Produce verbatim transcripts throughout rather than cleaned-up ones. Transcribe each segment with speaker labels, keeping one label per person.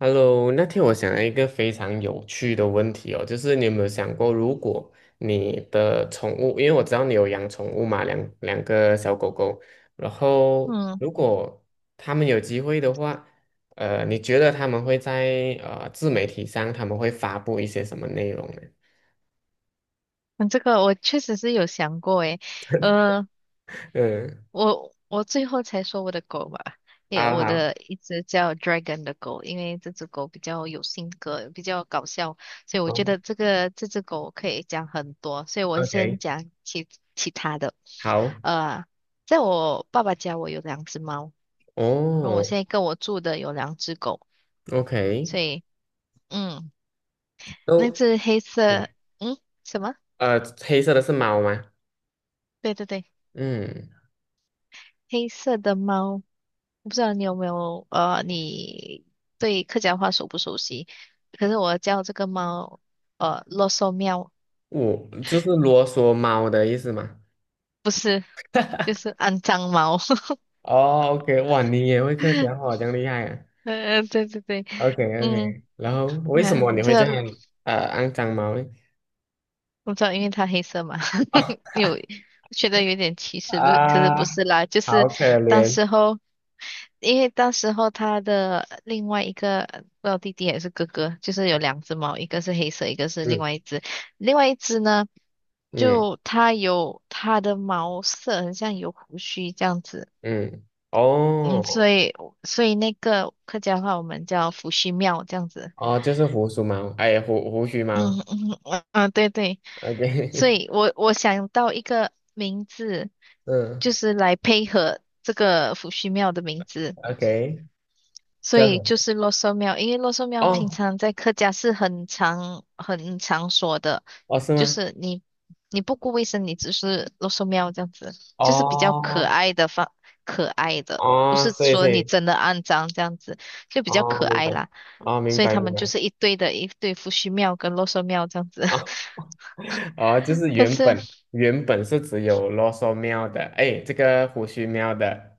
Speaker 1: Hello，那天我想了一个非常有趣的问题哦，就是你有没有想过，如果你的宠物，因为我知道你有养宠物嘛，两两个小狗狗，然后
Speaker 2: 嗯，
Speaker 1: 如果他们有机会的话，呃，你觉得他们会在呃自媒体上他们会发布一些什么内容呢？
Speaker 2: 嗯这个我确实是有想过诶。呃，
Speaker 1: 嗯，
Speaker 2: 我我最后才说我的狗吧，也
Speaker 1: 啊
Speaker 2: 我
Speaker 1: 好。
Speaker 2: 的一只叫 Dragon 的狗，因为这只狗比较有性格，比较搞笑，所以我觉
Speaker 1: 哦
Speaker 2: 得这个这只狗可以讲很多，所以我先
Speaker 1: ，OK，
Speaker 2: 讲其其他的。
Speaker 1: 好。
Speaker 2: 呃，在我爸爸家我有两只猫，然后我
Speaker 1: 哦
Speaker 2: 现在跟我住的有两只狗，
Speaker 1: ，OK。
Speaker 2: 所以嗯，那
Speaker 1: 都。
Speaker 2: 只黑
Speaker 1: 嗯
Speaker 2: 色。嗯，什么？
Speaker 1: 呃，黑色的是猫吗？
Speaker 2: 对对对，
Speaker 1: 嗯。
Speaker 2: 黑色的猫。我不知道你有没有呃，你对客家话熟不熟悉？可是我叫这个猫呃啰嗦喵，
Speaker 1: 我就是啰嗦猫的意思嘛。
Speaker 2: 不是，就是肮脏猫。
Speaker 1: 哦，OK，哇，你也会客家 话，这样厉害啊。
Speaker 2: 呃，对对对。
Speaker 1: OK
Speaker 2: 嗯，
Speaker 1: OK，然后为什
Speaker 2: 嗯，
Speaker 1: 么你嗯
Speaker 2: 这
Speaker 1: 会这
Speaker 2: 个。
Speaker 1: 样呃肮脏猫呢？
Speaker 2: 我知道，因为它黑色嘛。
Speaker 1: 哦。
Speaker 2: 有觉得有点歧视。不，可是不
Speaker 1: 啊，
Speaker 2: 是啦，就是
Speaker 1: 好可
Speaker 2: 当
Speaker 1: 怜。
Speaker 2: 时候，因为当时候他的另外一个不知道弟弟还是哥哥，就是有两只猫，一个是黑色，一个是另
Speaker 1: 嗯
Speaker 2: 外一只。另外一只呢，
Speaker 1: 嗯
Speaker 2: 就它有它的毛色很像有胡须这样子。
Speaker 1: 嗯。
Speaker 2: 嗯，所
Speaker 1: 哦
Speaker 2: 以所以那个客家话我们叫胡须庙这样子。
Speaker 1: 哦，就是胡须猫，哎，胡胡须猫。
Speaker 2: 嗯嗯嗯，嗯对对，所
Speaker 1: OK。
Speaker 2: 以我我想到一个名字，就
Speaker 1: 嗯
Speaker 2: 是来配合这个伏羲庙的名字，
Speaker 1: ，OK，这
Speaker 2: 所
Speaker 1: 样
Speaker 2: 以就
Speaker 1: 子。
Speaker 2: 是洛寿庙。因为洛寿庙平
Speaker 1: 哦
Speaker 2: 常在客家是很常很常说的，
Speaker 1: 哦，是
Speaker 2: 就
Speaker 1: 吗？
Speaker 2: 是你你不顾卫生，你只是洛寿庙这样子，就是比较可
Speaker 1: 哦
Speaker 2: 爱的方可爱的。不是
Speaker 1: 哦，对
Speaker 2: 说你
Speaker 1: 对。
Speaker 2: 真的肮脏这样子，就比较
Speaker 1: 哦，
Speaker 2: 可
Speaker 1: 明
Speaker 2: 爱
Speaker 1: 白。
Speaker 2: 啦。
Speaker 1: 哦，明
Speaker 2: 所以
Speaker 1: 白
Speaker 2: 他
Speaker 1: 明
Speaker 2: 们就
Speaker 1: 白。
Speaker 2: 是一堆的一对伏羲庙跟洛寿庙这样子。
Speaker 1: 哦 哦，就是
Speaker 2: 可
Speaker 1: 原
Speaker 2: 是
Speaker 1: 本原本是只有啰嗦喵的，哎，这个胡须喵的。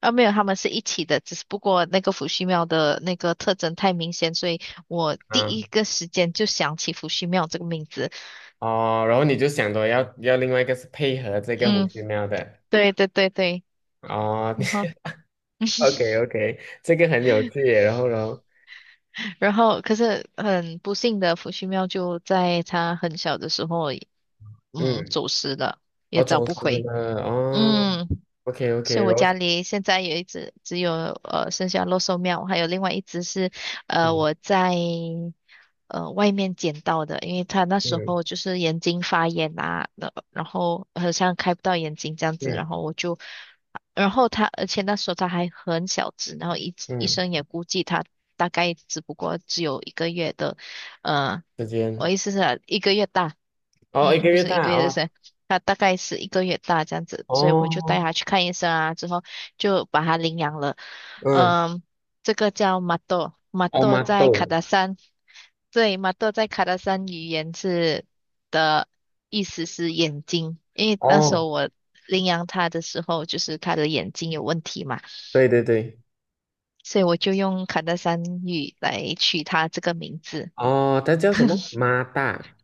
Speaker 2: 啊，没有，他们是一起的，只是不过那个伏羲庙的那个特征太明显，所以我第一
Speaker 1: 嗯。
Speaker 2: 个时间就想起伏羲庙这个名字。
Speaker 1: 哦，然后你就想着要要另外一个是配合这个胡
Speaker 2: 嗯，
Speaker 1: 须喵的。
Speaker 2: 对对对对。
Speaker 1: 哦
Speaker 2: 然后，
Speaker 1: ，OK OK，这个很有趣耶，然后呢？
Speaker 2: 然后，可是很不幸的，伏羲庙就在他很小的时候，嗯，
Speaker 1: 嗯。
Speaker 2: 走失了，也
Speaker 1: 我
Speaker 2: 找
Speaker 1: 总
Speaker 2: 不
Speaker 1: 之
Speaker 2: 回。
Speaker 1: 呢。哦
Speaker 2: 嗯。
Speaker 1: ，OK
Speaker 2: 所
Speaker 1: OK，
Speaker 2: 以我
Speaker 1: 然后。
Speaker 2: 家里现在有一只，只有呃剩下肉兽喵，还有另外一只是呃
Speaker 1: 嗯
Speaker 2: 我在呃外面捡到的，因为他那时
Speaker 1: 嗯
Speaker 2: 候就是眼睛发炎啊，呃然后好像开不到眼睛这样子。
Speaker 1: 嗯
Speaker 2: 然后我，就，然后他，而且那时候他还很小只，然后医医
Speaker 1: 嗯。
Speaker 2: 生也估计他大概只不过只有一个月的。嗯，
Speaker 1: 时
Speaker 2: 我
Speaker 1: 间。
Speaker 2: 意思是一个月大。
Speaker 1: 哦，一
Speaker 2: 嗯，
Speaker 1: 个
Speaker 2: 不
Speaker 1: 月
Speaker 2: 是一个
Speaker 1: 大，
Speaker 2: 月，就
Speaker 1: 哦
Speaker 2: 是他大概是一个月大这样子，所以我就带
Speaker 1: 哦。
Speaker 2: 他去看医生啊，之后就把他领养了。
Speaker 1: 嗯。
Speaker 2: 嗯，这个叫马豆，马
Speaker 1: 哦，
Speaker 2: 豆
Speaker 1: 妈
Speaker 2: 在卡
Speaker 1: 豆。
Speaker 2: 达山。对，马豆在卡达山语言是的意思是眼睛，因为那时
Speaker 1: 哦，
Speaker 2: 候我领养他的时候，就是他的眼睛有问题嘛，
Speaker 1: 对对对。
Speaker 2: 所以我就用卡达山语来取他这个名字，
Speaker 1: 哦，它叫什么？妈大。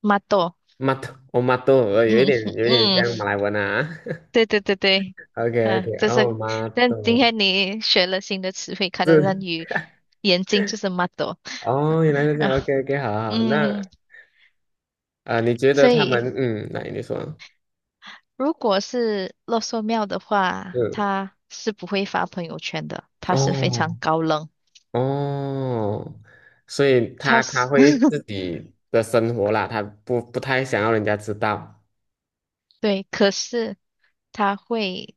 Speaker 2: 马豆。
Speaker 1: 马豆。哦，马豆，呃，有一
Speaker 2: 嗯
Speaker 1: 点，有一点，
Speaker 2: 嗯，
Speaker 1: 像马来文啊。
Speaker 2: 对对对对。啊，
Speaker 1: OK，OK，
Speaker 2: 就是，
Speaker 1: 哦，马
Speaker 2: 但今
Speaker 1: 豆
Speaker 2: 天你学了新的词汇，可能让
Speaker 1: 是。
Speaker 2: 你眼睛就是 m 多。
Speaker 1: 哦，原来 是这
Speaker 2: 然
Speaker 1: 样。
Speaker 2: 后
Speaker 1: OK，OK，好好。
Speaker 2: 嗯，
Speaker 1: 那啊、呃你觉得
Speaker 2: 所
Speaker 1: 他
Speaker 2: 以
Speaker 1: 们，嗯，来，你说。
Speaker 2: 如果是洛寿庙的话，
Speaker 1: 嗯。
Speaker 2: 他是不会发朋友圈的，他是非常
Speaker 1: 哦。
Speaker 2: 高冷，
Speaker 1: 哦，所以
Speaker 2: 他
Speaker 1: 他他
Speaker 2: 是
Speaker 1: 会 自己的生活啦，他不不太想要人家知道
Speaker 2: 对，可是他会。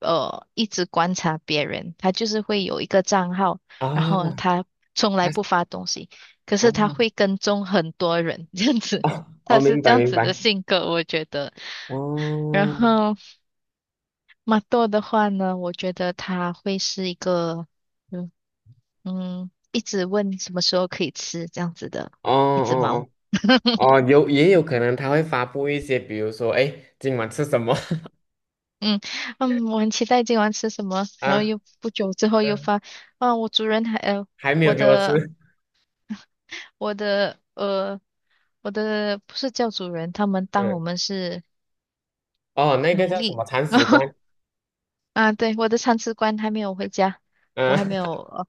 Speaker 2: 呃一直观察别人，他就是会有一个账号，
Speaker 1: 啊。
Speaker 2: 然后
Speaker 1: 哦。
Speaker 2: 他从来
Speaker 1: 他。
Speaker 2: 不发东西，可是他
Speaker 1: 哦。
Speaker 2: 会跟踪很多人，这样子。
Speaker 1: 哦。哦，
Speaker 2: 他是
Speaker 1: 明
Speaker 2: 这
Speaker 1: 白，
Speaker 2: 样
Speaker 1: 明
Speaker 2: 子的
Speaker 1: 白。
Speaker 2: 性格，我觉得。然
Speaker 1: 哦
Speaker 2: 后马豆的话呢，我觉得他会是一个，嗯嗯，一直问什么时候可以吃这样子的
Speaker 1: 哦
Speaker 2: 一只猫。
Speaker 1: 哦哦哦，有也有可能他会发布一些，比如说，哎，诶今晚吃什么？
Speaker 2: 嗯嗯，我很期待今晚吃什么，然后
Speaker 1: 啊。
Speaker 2: 又不久之后 又
Speaker 1: 嗯，
Speaker 2: 发。啊，我主人还呃，
Speaker 1: 还没有
Speaker 2: 我
Speaker 1: 给我吃。
Speaker 2: 的 我的呃，我的不是教主人，他们当我
Speaker 1: 嗯。
Speaker 2: 们是
Speaker 1: 哦，那个
Speaker 2: 奴
Speaker 1: 叫什么
Speaker 2: 隶。
Speaker 1: 铲屎 官。
Speaker 2: 啊，对，我的铲屎官还没有回家，我
Speaker 1: 嗯
Speaker 2: 还没有，呃，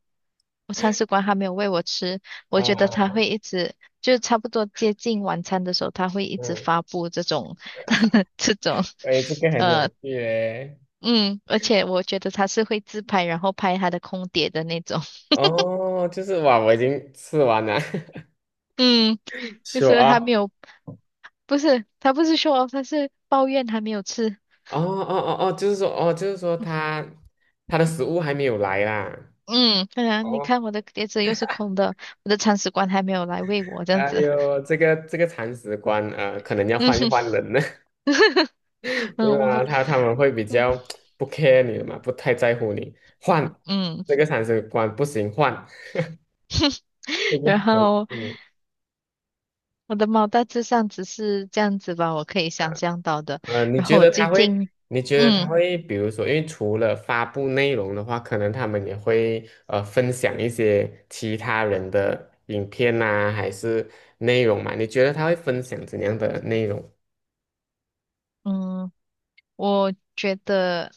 Speaker 2: 我铲屎官还没有喂我吃。我觉得他
Speaker 1: 啊。
Speaker 2: 会一直，就差不多接近晚餐的时候，他会一直
Speaker 1: 嗯。
Speaker 2: 发布这种 这种。
Speaker 1: 哎，这个很有
Speaker 2: 呃，
Speaker 1: 趣诶。
Speaker 2: 嗯，而且我觉得他是会自拍，然后拍他的空碟的那种。
Speaker 1: 哦，就是哇，我已经吃完了。
Speaker 2: 嗯，就
Speaker 1: 秀
Speaker 2: 是
Speaker 1: 啊。
Speaker 2: 还没
Speaker 1: 哦
Speaker 2: 有。不是，他不是说他是抱怨还没有吃。
Speaker 1: 哦哦哦，就是说，哦，就是说他他的食物还没有来啦。
Speaker 2: 嗯，对啊，你
Speaker 1: 哦。
Speaker 2: 看我的碟子又是空的，我的铲屎官还没有来喂我，这样
Speaker 1: 哎
Speaker 2: 子。
Speaker 1: 呦，这个这个铲屎官，呃，可能要
Speaker 2: 嗯
Speaker 1: 换一
Speaker 2: 哼。
Speaker 1: 换人了。对
Speaker 2: 嗯，我
Speaker 1: 吧？
Speaker 2: 好
Speaker 1: 他他们会比
Speaker 2: 嗯
Speaker 1: 较不 care 你的嘛，不太在乎你。换
Speaker 2: 嗯，
Speaker 1: 这个铲屎官不行。换这 个
Speaker 2: 然
Speaker 1: 很
Speaker 2: 后
Speaker 1: 嗯。
Speaker 2: 我的猫大致上只是这样子吧，我可以想象到的。
Speaker 1: 呃，你
Speaker 2: 然
Speaker 1: 觉
Speaker 2: 后我
Speaker 1: 得
Speaker 2: 最
Speaker 1: 他会？
Speaker 2: 近，
Speaker 1: 你觉得他
Speaker 2: 嗯
Speaker 1: 会，比如说，因为除了发布内容的话，可能他们也会呃分享一些其他人的影片呐、还是内容嘛？你觉得他会分享怎样的内容？
Speaker 2: 嗯，我觉得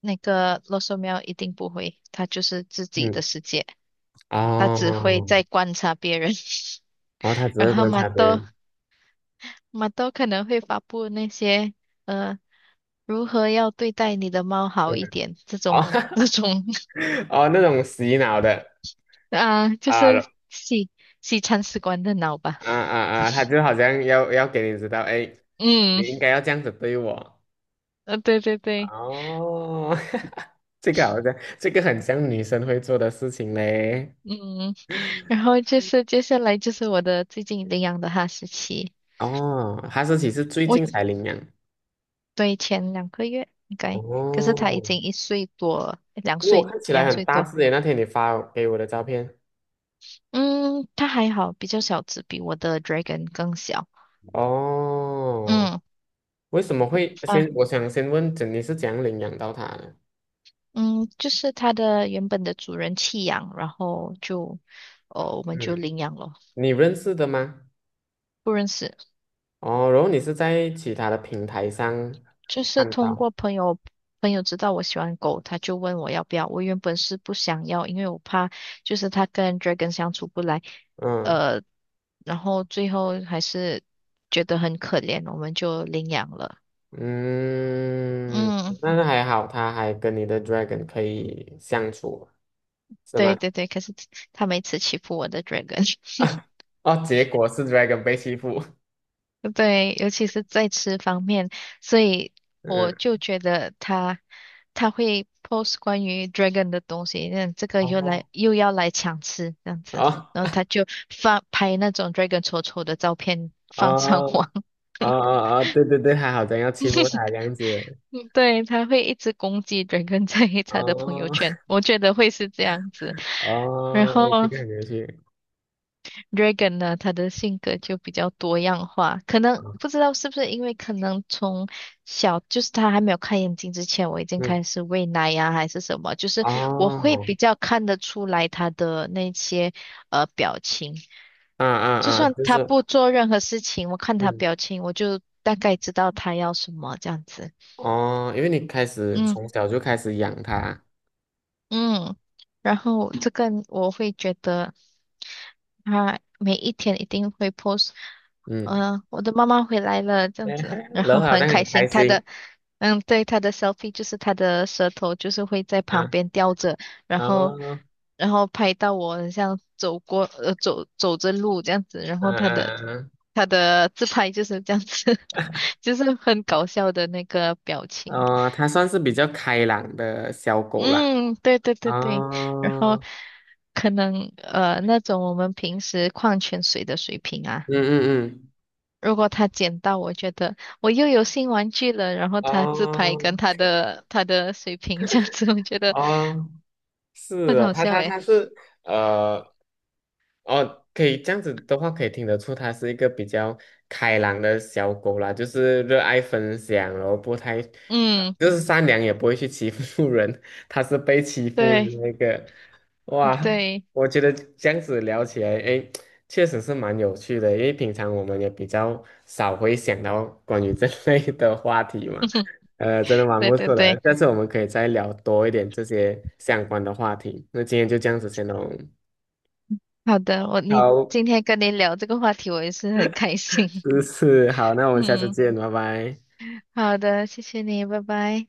Speaker 2: 那个罗嗦喵一定不会，它就是自己的
Speaker 1: 嗯。
Speaker 2: 世界，它只会
Speaker 1: 哦，
Speaker 2: 在观察别人。
Speaker 1: 然后他 只
Speaker 2: 然
Speaker 1: 会
Speaker 2: 后
Speaker 1: 观
Speaker 2: 马
Speaker 1: 察别
Speaker 2: 豆
Speaker 1: 人。
Speaker 2: 马豆可能会发布那些。呃如何要对待你的猫 好
Speaker 1: 嗯。
Speaker 2: 一点？这
Speaker 1: 哦。
Speaker 2: 种 这种
Speaker 1: 哦，那种洗脑的
Speaker 2: 啊，就是
Speaker 1: 啊
Speaker 2: 西西餐史官的脑吧。
Speaker 1: 啊啊啊，他就好像要要给你知道，哎，你
Speaker 2: 嗯，
Speaker 1: 应该要这样子对我。
Speaker 2: 呃，对对对。
Speaker 1: 哦，这个好像，这个很像女生会做的事情嘞。
Speaker 2: 嗯，然后就是接下来就是我的最近领养的哈士奇。
Speaker 1: 哦，哈士奇是最近才
Speaker 2: 我
Speaker 1: 领养。
Speaker 2: 对，前两个月应该，可是它已
Speaker 1: 哦，
Speaker 2: 经一岁多了两
Speaker 1: 因为我
Speaker 2: 岁
Speaker 1: 看起来
Speaker 2: 两
Speaker 1: 很
Speaker 2: 岁
Speaker 1: 大
Speaker 2: 多。
Speaker 1: 只耶，那天你发给我的照片。
Speaker 2: 嗯，它还好，比较小只，比我的 dragon 更小。
Speaker 1: 哦，
Speaker 2: 嗯，
Speaker 1: 为什么会先？我想先问，你是怎样领养到它的？
Speaker 2: 嗯，就是它的原本的主人弃养，然后就，哦，我们就
Speaker 1: 嗯，
Speaker 2: 领养了。
Speaker 1: 你认识的吗？
Speaker 2: 不认识，
Speaker 1: 哦，然后你是在其他的平台上
Speaker 2: 就是
Speaker 1: 看
Speaker 2: 通
Speaker 1: 到？
Speaker 2: 过朋友，朋友知道我喜欢狗，他就问我要不要。我原本是不想要，因为我怕就是它跟 Dragon 相处不来。
Speaker 1: 嗯
Speaker 2: 呃，然后最后还是觉得很可怜，我们就领养了。
Speaker 1: 嗯，
Speaker 2: 嗯，
Speaker 1: 但是还好，它还跟你的 dragon 可以相处，是吗？
Speaker 2: 对对对，可是它每次欺负我的 Dragon。
Speaker 1: 啊。哦，结果是 Dragon 被欺负。
Speaker 2: 对，尤其是在吃方面，所以我
Speaker 1: 嗯。
Speaker 2: 就觉得他他会 post 关于 dragon 的东西，那这个又来
Speaker 1: 哦。
Speaker 2: 又要来抢吃这样子。
Speaker 1: 哦。
Speaker 2: 然后他就发拍那种 dragon 丑丑的照片
Speaker 1: 哦。
Speaker 2: 放上
Speaker 1: 哦。
Speaker 2: 网。
Speaker 1: 哦。哦，对对对，他好像要欺负他这样子。
Speaker 2: 嗯对，他会一直攻击 dragon 在他的朋友
Speaker 1: 哦。
Speaker 2: 圈，我觉得会是这样子。然
Speaker 1: 哦，
Speaker 2: 后
Speaker 1: 这个很有趣。
Speaker 2: Regan 呢，他的性格就比较多样化，可
Speaker 1: 哦
Speaker 2: 能不知道是不是因为可能从小就是他还没有开眼睛之前，我已经
Speaker 1: 嗯。
Speaker 2: 开始喂奶呀、还是什么，就是我会
Speaker 1: 哦。
Speaker 2: 比较看得出来他的那些呃表情，
Speaker 1: 啊啊
Speaker 2: 就
Speaker 1: 啊，
Speaker 2: 算
Speaker 1: 就是。
Speaker 2: 他不做任何事情，我看他
Speaker 1: 嗯。
Speaker 2: 表情，我就大概知道他要什么这样子。
Speaker 1: 哦，因为你开始
Speaker 2: 嗯。
Speaker 1: 从小就开始养它。
Speaker 2: 嗯，然后这个我会觉得他每一天一定会 post。
Speaker 1: 嗯。
Speaker 2: 呃，我的妈妈回来了这
Speaker 1: 哎，
Speaker 2: 样子，然
Speaker 1: 然
Speaker 2: 后
Speaker 1: 后好
Speaker 2: 很
Speaker 1: 像很
Speaker 2: 开
Speaker 1: 开
Speaker 2: 心。他
Speaker 1: 心。
Speaker 2: 的，嗯，对，他的 selfie 就是他的舌头就是会在旁
Speaker 1: 啊。
Speaker 2: 边吊着，然后
Speaker 1: 哦。
Speaker 2: 然后拍到我很像走过呃走走着路这样子，然后他的
Speaker 1: 嗯嗯
Speaker 2: 他的自拍就是这样子。就是很搞笑的那个表
Speaker 1: 嗯。
Speaker 2: 情。
Speaker 1: 哦，它算是比较开朗的小狗啦。
Speaker 2: 嗯，对对对对，然后
Speaker 1: 哦。
Speaker 2: 可能呃那种我们平时矿泉水的水瓶啊，
Speaker 1: 嗯嗯嗯。
Speaker 2: 如果他捡到，我觉得我又有新玩具了，然后他自拍
Speaker 1: 啊
Speaker 2: 跟他的他的水瓶 这样子，我觉得
Speaker 1: 啊，
Speaker 2: 很
Speaker 1: 是啊，
Speaker 2: 好
Speaker 1: 他
Speaker 2: 笑
Speaker 1: 他
Speaker 2: 诶。
Speaker 1: 他是呃，哦，可以这样子的话，可以听得出它是一个比较开朗的小狗啦，就是热爱分享，然后不太，
Speaker 2: 嗯，
Speaker 1: 就是善良，也不会去欺负 人。它是被欺负的
Speaker 2: 对
Speaker 1: 那个。哇，
Speaker 2: 对
Speaker 1: 我觉得这样子聊起来，哎，确实是蛮有趣的，因为平常我们也比较少会想到关于这类的话题嘛。呃，真的蛮
Speaker 2: 对
Speaker 1: 不
Speaker 2: 对
Speaker 1: 错的，
Speaker 2: 对，
Speaker 1: 下次我们可以再聊多一点这些相关的话题。那今天就这样子先喽。
Speaker 2: 好的，我你
Speaker 1: 好，
Speaker 2: 今天跟你聊这个话题，我也是很开心。
Speaker 1: 是是，好，那我们下次
Speaker 2: 嗯，
Speaker 1: 见，拜拜。
Speaker 2: 好的，谢谢你，拜拜。